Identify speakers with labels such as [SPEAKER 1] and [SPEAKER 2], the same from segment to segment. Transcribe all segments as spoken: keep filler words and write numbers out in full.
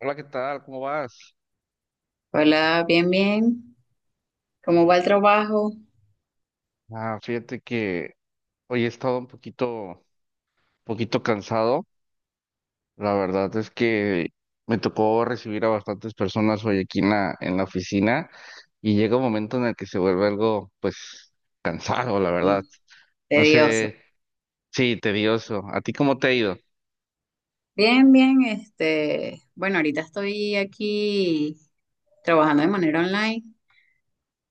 [SPEAKER 1] Hola, ¿qué tal? ¿Cómo vas?
[SPEAKER 2] Hola, bien, bien. ¿Cómo va el trabajo?
[SPEAKER 1] Ah, fíjate que hoy he estado un poquito, poquito cansado. La verdad es que me tocó recibir a bastantes personas hoy aquí en la, en la oficina y llega un momento en el que se vuelve algo, pues, cansado, la
[SPEAKER 2] Eh,
[SPEAKER 1] verdad. No
[SPEAKER 2] Tedioso.
[SPEAKER 1] sé, sí, tedioso. ¿A ti cómo te ha ido?
[SPEAKER 2] Bien, bien. Este, bueno, ahorita estoy aquí trabajando de manera online.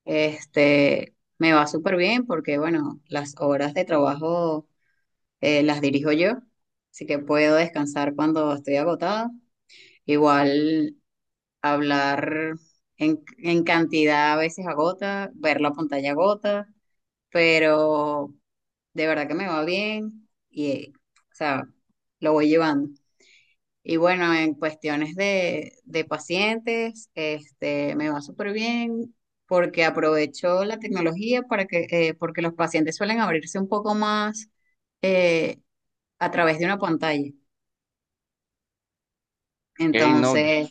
[SPEAKER 2] Este, me va súper bien porque, bueno, las horas de trabajo eh, las dirijo yo, así que puedo descansar cuando estoy agotada. Igual hablar en, en cantidad a veces agota, ver la pantalla agota, pero de verdad que me va bien y, eh, o sea, lo voy llevando. Y bueno, en cuestiones de, de pacientes, este, me va súper bien porque aprovecho la tecnología para que, eh, porque los pacientes suelen abrirse un poco más eh, a través de una pantalla.
[SPEAKER 1] Hey, no, yo-
[SPEAKER 2] Entonces,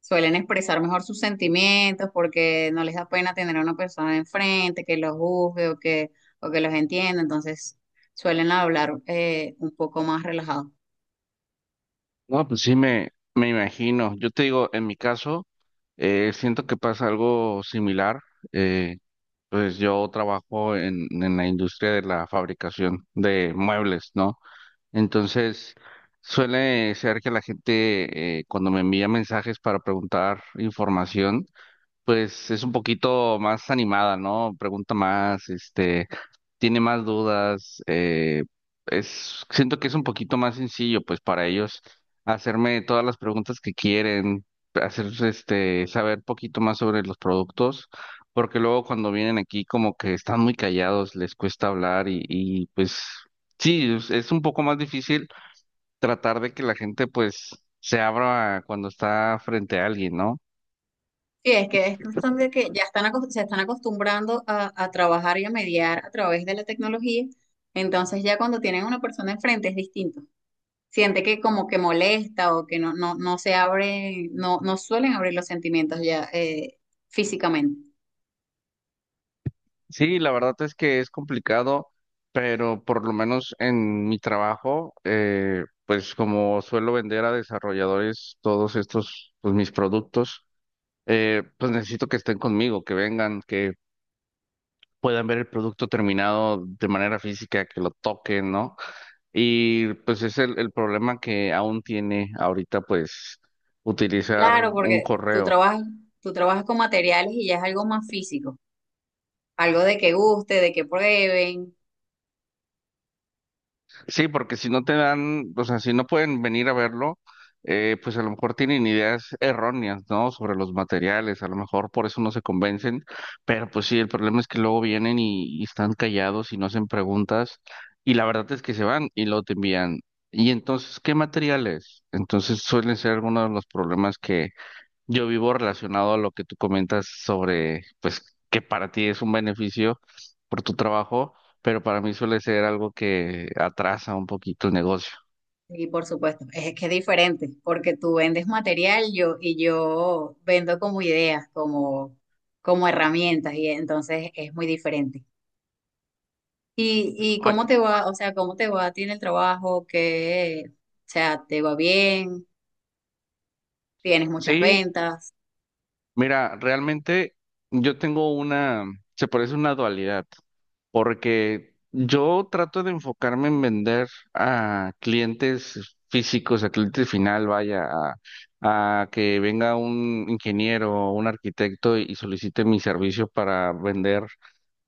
[SPEAKER 2] suelen expresar mejor sus sentimientos porque no les da pena tener a una persona enfrente que los juzgue o que, o que los entienda. Entonces, suelen hablar eh, un poco más relajados.
[SPEAKER 1] no, pues sí, me, me imagino. Yo te digo, en mi caso, eh, siento que pasa algo similar. Pues yo trabajo en, en la industria de la fabricación de muebles, ¿no? Entonces, suele ser que la gente eh, cuando me envía mensajes para preguntar información, pues es un poquito más animada, ¿no? Pregunta más, este, tiene más dudas, eh, es, siento que es un poquito más sencillo, pues, para ellos hacerme todas las preguntas que quieren, hacer, este, saber poquito más sobre los productos, porque luego cuando vienen aquí como que están muy callados, les cuesta hablar y, y pues, sí, es, es un poco más difícil tratar de que la gente, pues, se abra cuando está frente a alguien, ¿no?
[SPEAKER 2] Sí, es que es cuestión de que ya están acos- se están acostumbrando a, a trabajar y a mediar a través de la tecnología, entonces ya cuando tienen una persona enfrente es distinto. Siente que como que molesta o que no, no, no se abre, no, no suelen abrir los sentimientos ya eh, físicamente.
[SPEAKER 1] Sí, la verdad es que es complicado, pero por lo menos en mi trabajo, eh, pues como suelo vender a desarrolladores todos estos, pues mis productos, eh, pues necesito que estén conmigo, que vengan, que puedan ver el producto terminado de manera física, que lo toquen, ¿no? Y pues es el, el problema que aún tiene ahorita, pues utilizar
[SPEAKER 2] Claro,
[SPEAKER 1] un
[SPEAKER 2] porque tú
[SPEAKER 1] correo.
[SPEAKER 2] trabajas, tú trabajas con materiales y ya es algo más físico, algo de que guste, de que prueben.
[SPEAKER 1] Sí, porque si no te dan, o sea, si no pueden venir a verlo, eh, pues a lo mejor tienen ideas erróneas, ¿no? Sobre los materiales, a lo mejor por eso no se convencen, pero pues sí, el problema es que luego vienen y, y están callados y no hacen preguntas y la verdad es que se van y luego te envían. Y entonces, ¿qué materiales? Entonces suelen ser algunos de los problemas yo vivo relacionado a lo que tú comentas sobre, pues, que para ti es un beneficio por tu trabajo, pero para mí suele ser algo que atrasa un poquito el negocio.
[SPEAKER 2] Sí, por supuesto. Es que es diferente, porque tú vendes material yo, y yo vendo como ideas, como, como herramientas, y entonces es muy diferente. ¿Y, y cómo
[SPEAKER 1] Oye,
[SPEAKER 2] te va? O sea, ¿cómo te va a ti en el trabajo? ¿Que o sea, te va bien? ¿Tienes muchas
[SPEAKER 1] sí,
[SPEAKER 2] ventas?
[SPEAKER 1] mira, realmente yo tengo una, se parece una dualidad, porque yo trato de enfocarme en vender a clientes físicos, a cliente final, vaya, a, a que venga un ingeniero o un arquitecto y solicite mi servicio para vender.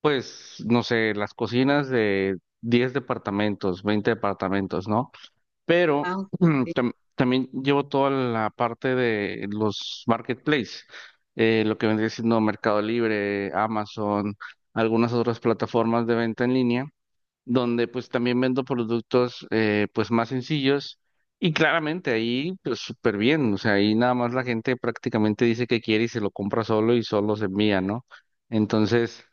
[SPEAKER 1] Pues, no sé, las cocinas de diez departamentos, veinte departamentos, ¿no? Pero
[SPEAKER 2] Ah,
[SPEAKER 1] mm,
[SPEAKER 2] sí,
[SPEAKER 1] tam- también llevo toda la parte de los marketplaces, eh, lo que vendría siendo Mercado Libre, Amazon, algunas otras plataformas de venta en línea donde pues también vendo productos eh, pues más sencillos y claramente ahí pues súper bien, o sea, ahí nada más la gente prácticamente dice que quiere y se lo compra solo y solo se envía, ¿no? Entonces,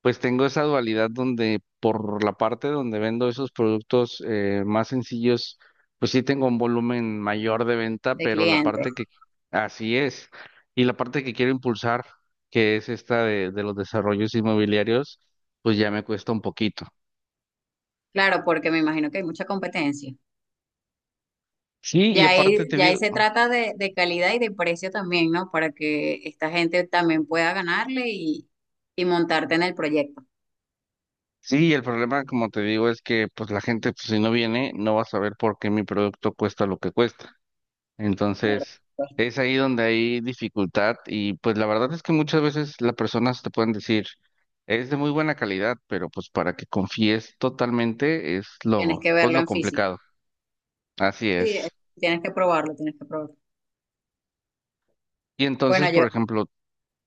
[SPEAKER 1] pues tengo esa dualidad donde por la parte donde vendo esos productos eh, más sencillos, pues sí tengo un volumen mayor de venta,
[SPEAKER 2] de
[SPEAKER 1] pero la
[SPEAKER 2] clientes.
[SPEAKER 1] parte que así es y la parte que quiero impulsar, que es esta de de los desarrollos inmobiliarios, pues ya me cuesta un poquito.
[SPEAKER 2] Claro, porque me imagino que hay mucha competencia.
[SPEAKER 1] Sí, y
[SPEAKER 2] Ya ahí,
[SPEAKER 1] aparte te
[SPEAKER 2] ya ahí
[SPEAKER 1] digo,
[SPEAKER 2] se trata de, de calidad y de precio también, ¿no? Para que esta gente también pueda ganarle y, y montarte en el proyecto.
[SPEAKER 1] sí, el problema, como te digo, es que pues la gente, pues si no viene, no va a saber por qué mi producto cuesta lo que cuesta.
[SPEAKER 2] Claro,
[SPEAKER 1] Entonces,
[SPEAKER 2] pues,
[SPEAKER 1] es ahí donde hay dificultad y pues la verdad es que muchas veces las personas te pueden decir, es de muy buena calidad, pero pues para que confíes totalmente es
[SPEAKER 2] tienes
[SPEAKER 1] lo,
[SPEAKER 2] que
[SPEAKER 1] pues
[SPEAKER 2] verlo
[SPEAKER 1] lo
[SPEAKER 2] en físico.
[SPEAKER 1] complicado. Así
[SPEAKER 2] Sí, eh,
[SPEAKER 1] es.
[SPEAKER 2] tienes que probarlo, tienes que probarlo.
[SPEAKER 1] Y entonces,
[SPEAKER 2] Bueno, yo,
[SPEAKER 1] por ejemplo,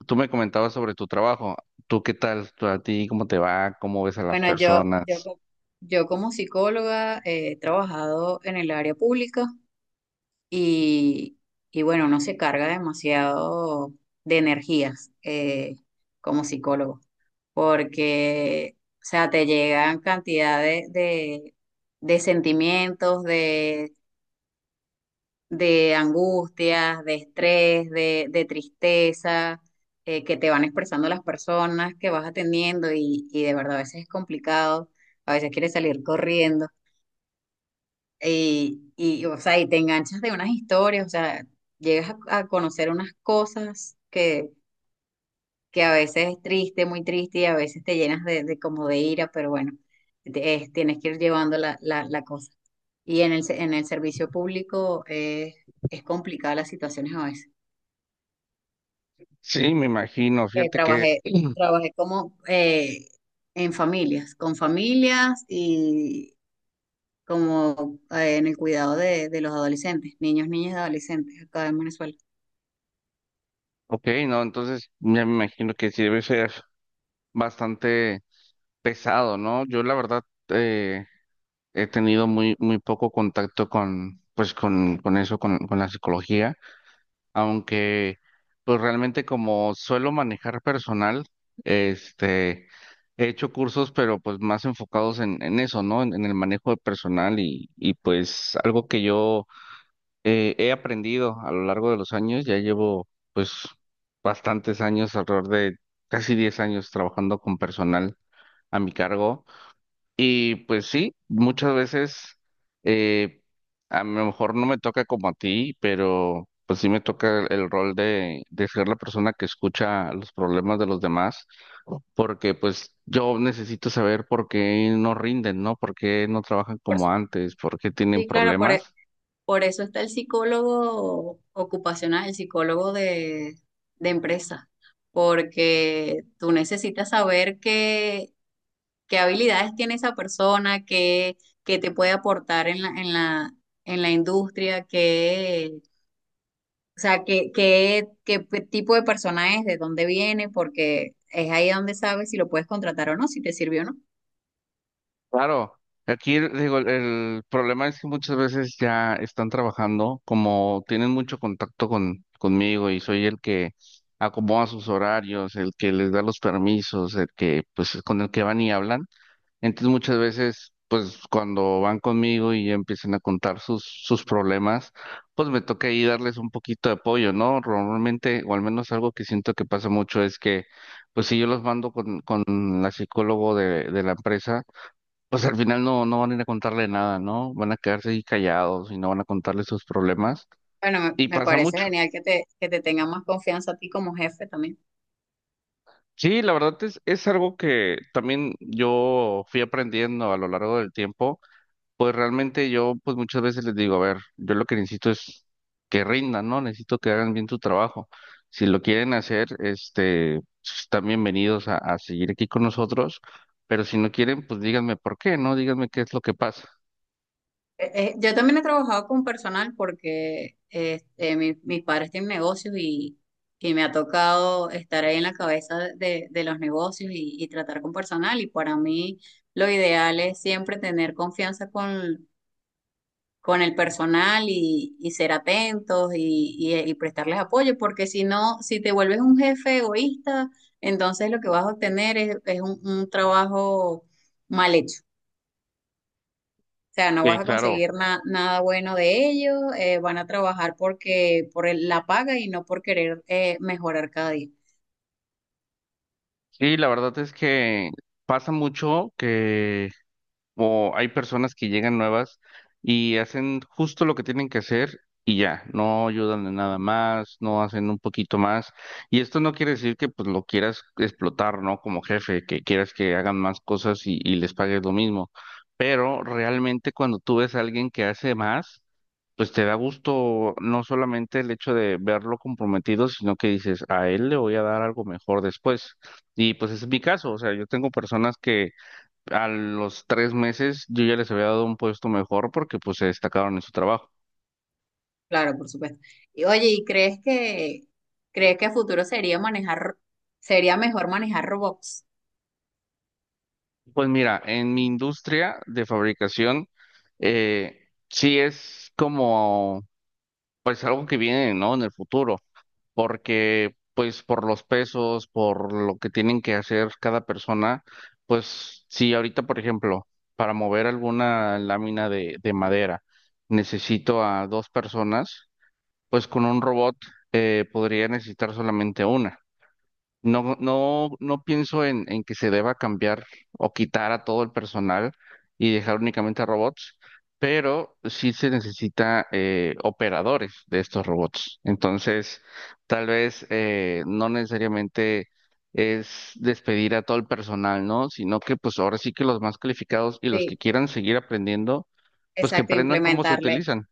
[SPEAKER 1] tú me comentabas sobre tu trabajo. ¿Tú qué tal? ¿Tú a ti cómo te va? ¿Cómo ves a las
[SPEAKER 2] bueno, yo, yo,
[SPEAKER 1] personas?
[SPEAKER 2] co- yo como psicóloga eh, he trabajado en el área pública y, y bueno, uno se carga demasiado de energías eh, como psicólogo, porque, o sea, te llegan cantidad de, de, de sentimientos, de angustias, de estrés, de, de tristeza, eh, que te van expresando las personas que vas atendiendo y, y de verdad a veces es complicado, a veces quieres salir corriendo y, y, o sea, y te enganchas de unas historias, o sea, llegas a, a conocer unas cosas que, que a veces es triste, muy triste y a veces te llenas de, de como de ira, pero bueno, te- es- tienes que ir llevando la, la, la cosa. Y en el, se- en el servicio público eh, es complicada las situaciones a veces.
[SPEAKER 1] Sí, me imagino.
[SPEAKER 2] eh,
[SPEAKER 1] Fíjate que
[SPEAKER 2] trabajé, Trabajé como eh, en familias, con familias y como eh, en el cuidado de, de los adolescentes, niños, niñas y adolescentes acá en Venezuela.
[SPEAKER 1] Ok, no, entonces ya me imagino que sí debe ser bastante pesado, ¿no? Yo la verdad eh, he tenido muy, muy poco contacto con, pues con, con eso, con, con la psicología, aunque pues realmente como suelo manejar personal, este, he hecho cursos, pero pues más enfocados en, en eso, ¿no? En, en el manejo de personal y, y pues algo que yo eh, he aprendido a lo largo de los años, ya llevo pues bastantes años, alrededor de casi diez años trabajando con personal a mi cargo y pues sí, muchas veces eh, a lo mejor no me toca como a ti, pero pues sí me toca el, el rol de, de ser la persona que escucha los problemas de los demás, porque pues yo necesito saber por qué no rinden, ¿no? ¿Por qué no trabajan
[SPEAKER 2] Por
[SPEAKER 1] como
[SPEAKER 2] su-
[SPEAKER 1] antes? ¿Por qué tienen
[SPEAKER 2] sí, claro, por, e-
[SPEAKER 1] problemas?
[SPEAKER 2] por eso está el psicólogo ocupacional, el psicólogo de, de empresa, porque tú necesitas saber qué, qué habilidades tiene esa persona, qué, qué te puede aportar en la, en la, en la industria, qué. O sea, ¿qué, qué, qué pe- tipo de persona es, de dónde viene? Porque es ahí donde sabes si lo puedes contratar o no, si te sirvió o no.
[SPEAKER 1] Claro, aquí el- digo, el, el problema es que muchas veces ya están trabajando, como tienen mucho contacto con, conmigo y soy el que acomoda sus horarios, el que les da los permisos, el que pues con el que van y hablan. Entonces muchas veces pues cuando van conmigo y empiezan a contar sus, sus problemas, pues me toca ahí darles un poquito de apoyo, ¿no? Normalmente, o al menos algo que siento que pasa mucho es que pues si yo los mando con, con la psicólogo de de la empresa, pues al final no, no van a ir a contarle nada, ¿no? Van a quedarse ahí callados y no van a contarle sus problemas.
[SPEAKER 2] Bueno, me,
[SPEAKER 1] Y
[SPEAKER 2] me
[SPEAKER 1] pasa
[SPEAKER 2] parece
[SPEAKER 1] mucho.
[SPEAKER 2] genial que te, que te tenga más confianza a ti como jefe también.
[SPEAKER 1] Sí, la verdad es, es algo que también yo fui aprendiendo a lo largo del tiempo. Pues realmente yo, pues muchas veces les digo, a ver, yo lo que necesito es que rindan, ¿no? Necesito que hagan bien su trabajo. Si lo quieren hacer, este, pues, están bienvenidos a, a seguir aquí con nosotros. Pero si no quieren, pues díganme por qué, ¿no? Díganme qué es lo que pasa.
[SPEAKER 2] Eh, eh, yo también he trabajado con personal porque este, mi- mis padres tienen negocios y, y me ha tocado estar ahí en la cabeza de, de los negocios y, y tratar con personal. Y para mí lo ideal es siempre tener confianza con con el personal y, y ser atentos y, y- eh, y prestarles apoyo, porque si no, si te vuelves un jefe egoísta, entonces lo que vas a obtener es, es un, un trabajo mal hecho. O sea, no
[SPEAKER 1] Sí,
[SPEAKER 2] vas a
[SPEAKER 1] claro.
[SPEAKER 2] conseguir na- nada bueno de ellos, eh, van a trabajar porque por el- la paga y no por querer eh, mejorar cada día.
[SPEAKER 1] Sí, la verdad es que pasa mucho que o hay personas que llegan nuevas y hacen justo lo que tienen que hacer y ya, no ayudan en nada más, no hacen un poquito más. Y esto no quiere decir que pues lo quieras explotar, ¿no? Como jefe, que quieras que hagan más cosas y, y les pagues lo mismo. Pero realmente cuando tú ves a alguien que hace más, pues te da gusto no solamente el hecho de verlo comprometido, sino que dices, a él le voy a dar algo mejor después. Y pues ese es mi caso, o sea, yo tengo personas que a los tres meses yo ya les había dado un puesto mejor porque pues se destacaron en su trabajo.
[SPEAKER 2] Claro, por supuesto. Y oye, ¿y crees que ¿crees que a futuro sería manejar, sería mejor manejar robots?
[SPEAKER 1] Pues mira, en mi industria de fabricación, eh, sí es como, pues algo que viene, ¿no? En el futuro. Porque pues por los pesos, por lo que tienen que hacer cada persona, pues si ahorita, por ejemplo, para mover alguna lámina de, de madera necesito a dos personas, pues con un robot eh, podría necesitar solamente una. No, no, no pienso en, en que se deba cambiar o quitar a todo el personal y dejar únicamente a robots, pero sí se necesita eh, operadores de estos robots. Entonces, tal vez eh, no necesariamente es despedir a todo el personal, ¿no? Sino que pues ahora sí que los más calificados y los que
[SPEAKER 2] Sí,
[SPEAKER 1] quieran seguir aprendiendo, pues que
[SPEAKER 2] exacto,
[SPEAKER 1] aprendan cómo se
[SPEAKER 2] implementarle
[SPEAKER 1] utilizan.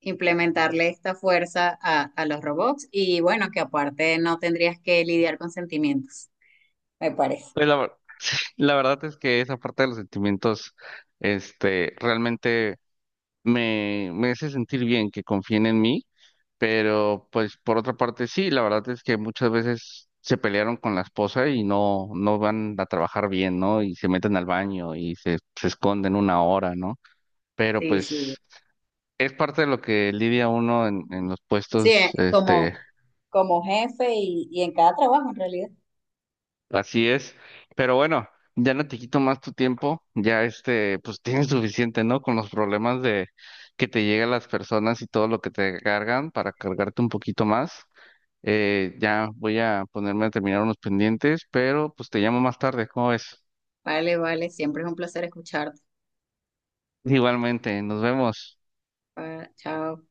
[SPEAKER 2] implementarle esta fuerza a, a los robots y bueno, que aparte no tendrías que lidiar con sentimientos, me parece.
[SPEAKER 1] Pues la, ver- la verdad es que esa parte de los sentimientos, este, realmente me, me hace sentir bien que confíen en mí, pero pues por otra parte sí, la verdad es que muchas veces se pelearon con la esposa y no, no van a trabajar bien, ¿no? Y se meten al baño y se, se esconden una hora, ¿no? Pero
[SPEAKER 2] Sí, sí.
[SPEAKER 1] pues es parte de lo que lidia uno en, en los
[SPEAKER 2] Sí,
[SPEAKER 1] puestos,
[SPEAKER 2] eh, como,
[SPEAKER 1] este.
[SPEAKER 2] como jefe y, y en cada trabajo en realidad.
[SPEAKER 1] Así es. Pero bueno, ya no te quito más tu tiempo. Ya este, pues tienes suficiente, ¿no? Con los problemas de que te llegan las personas y todo lo que te cargan para cargarte un poquito más. Eh, ya voy a ponerme a terminar unos pendientes, pero pues te llamo más tarde. ¿Cómo ves?
[SPEAKER 2] Vale, vale, siempre es un placer escucharte.
[SPEAKER 1] Igualmente, nos vemos.
[SPEAKER 2] Pa- Chao.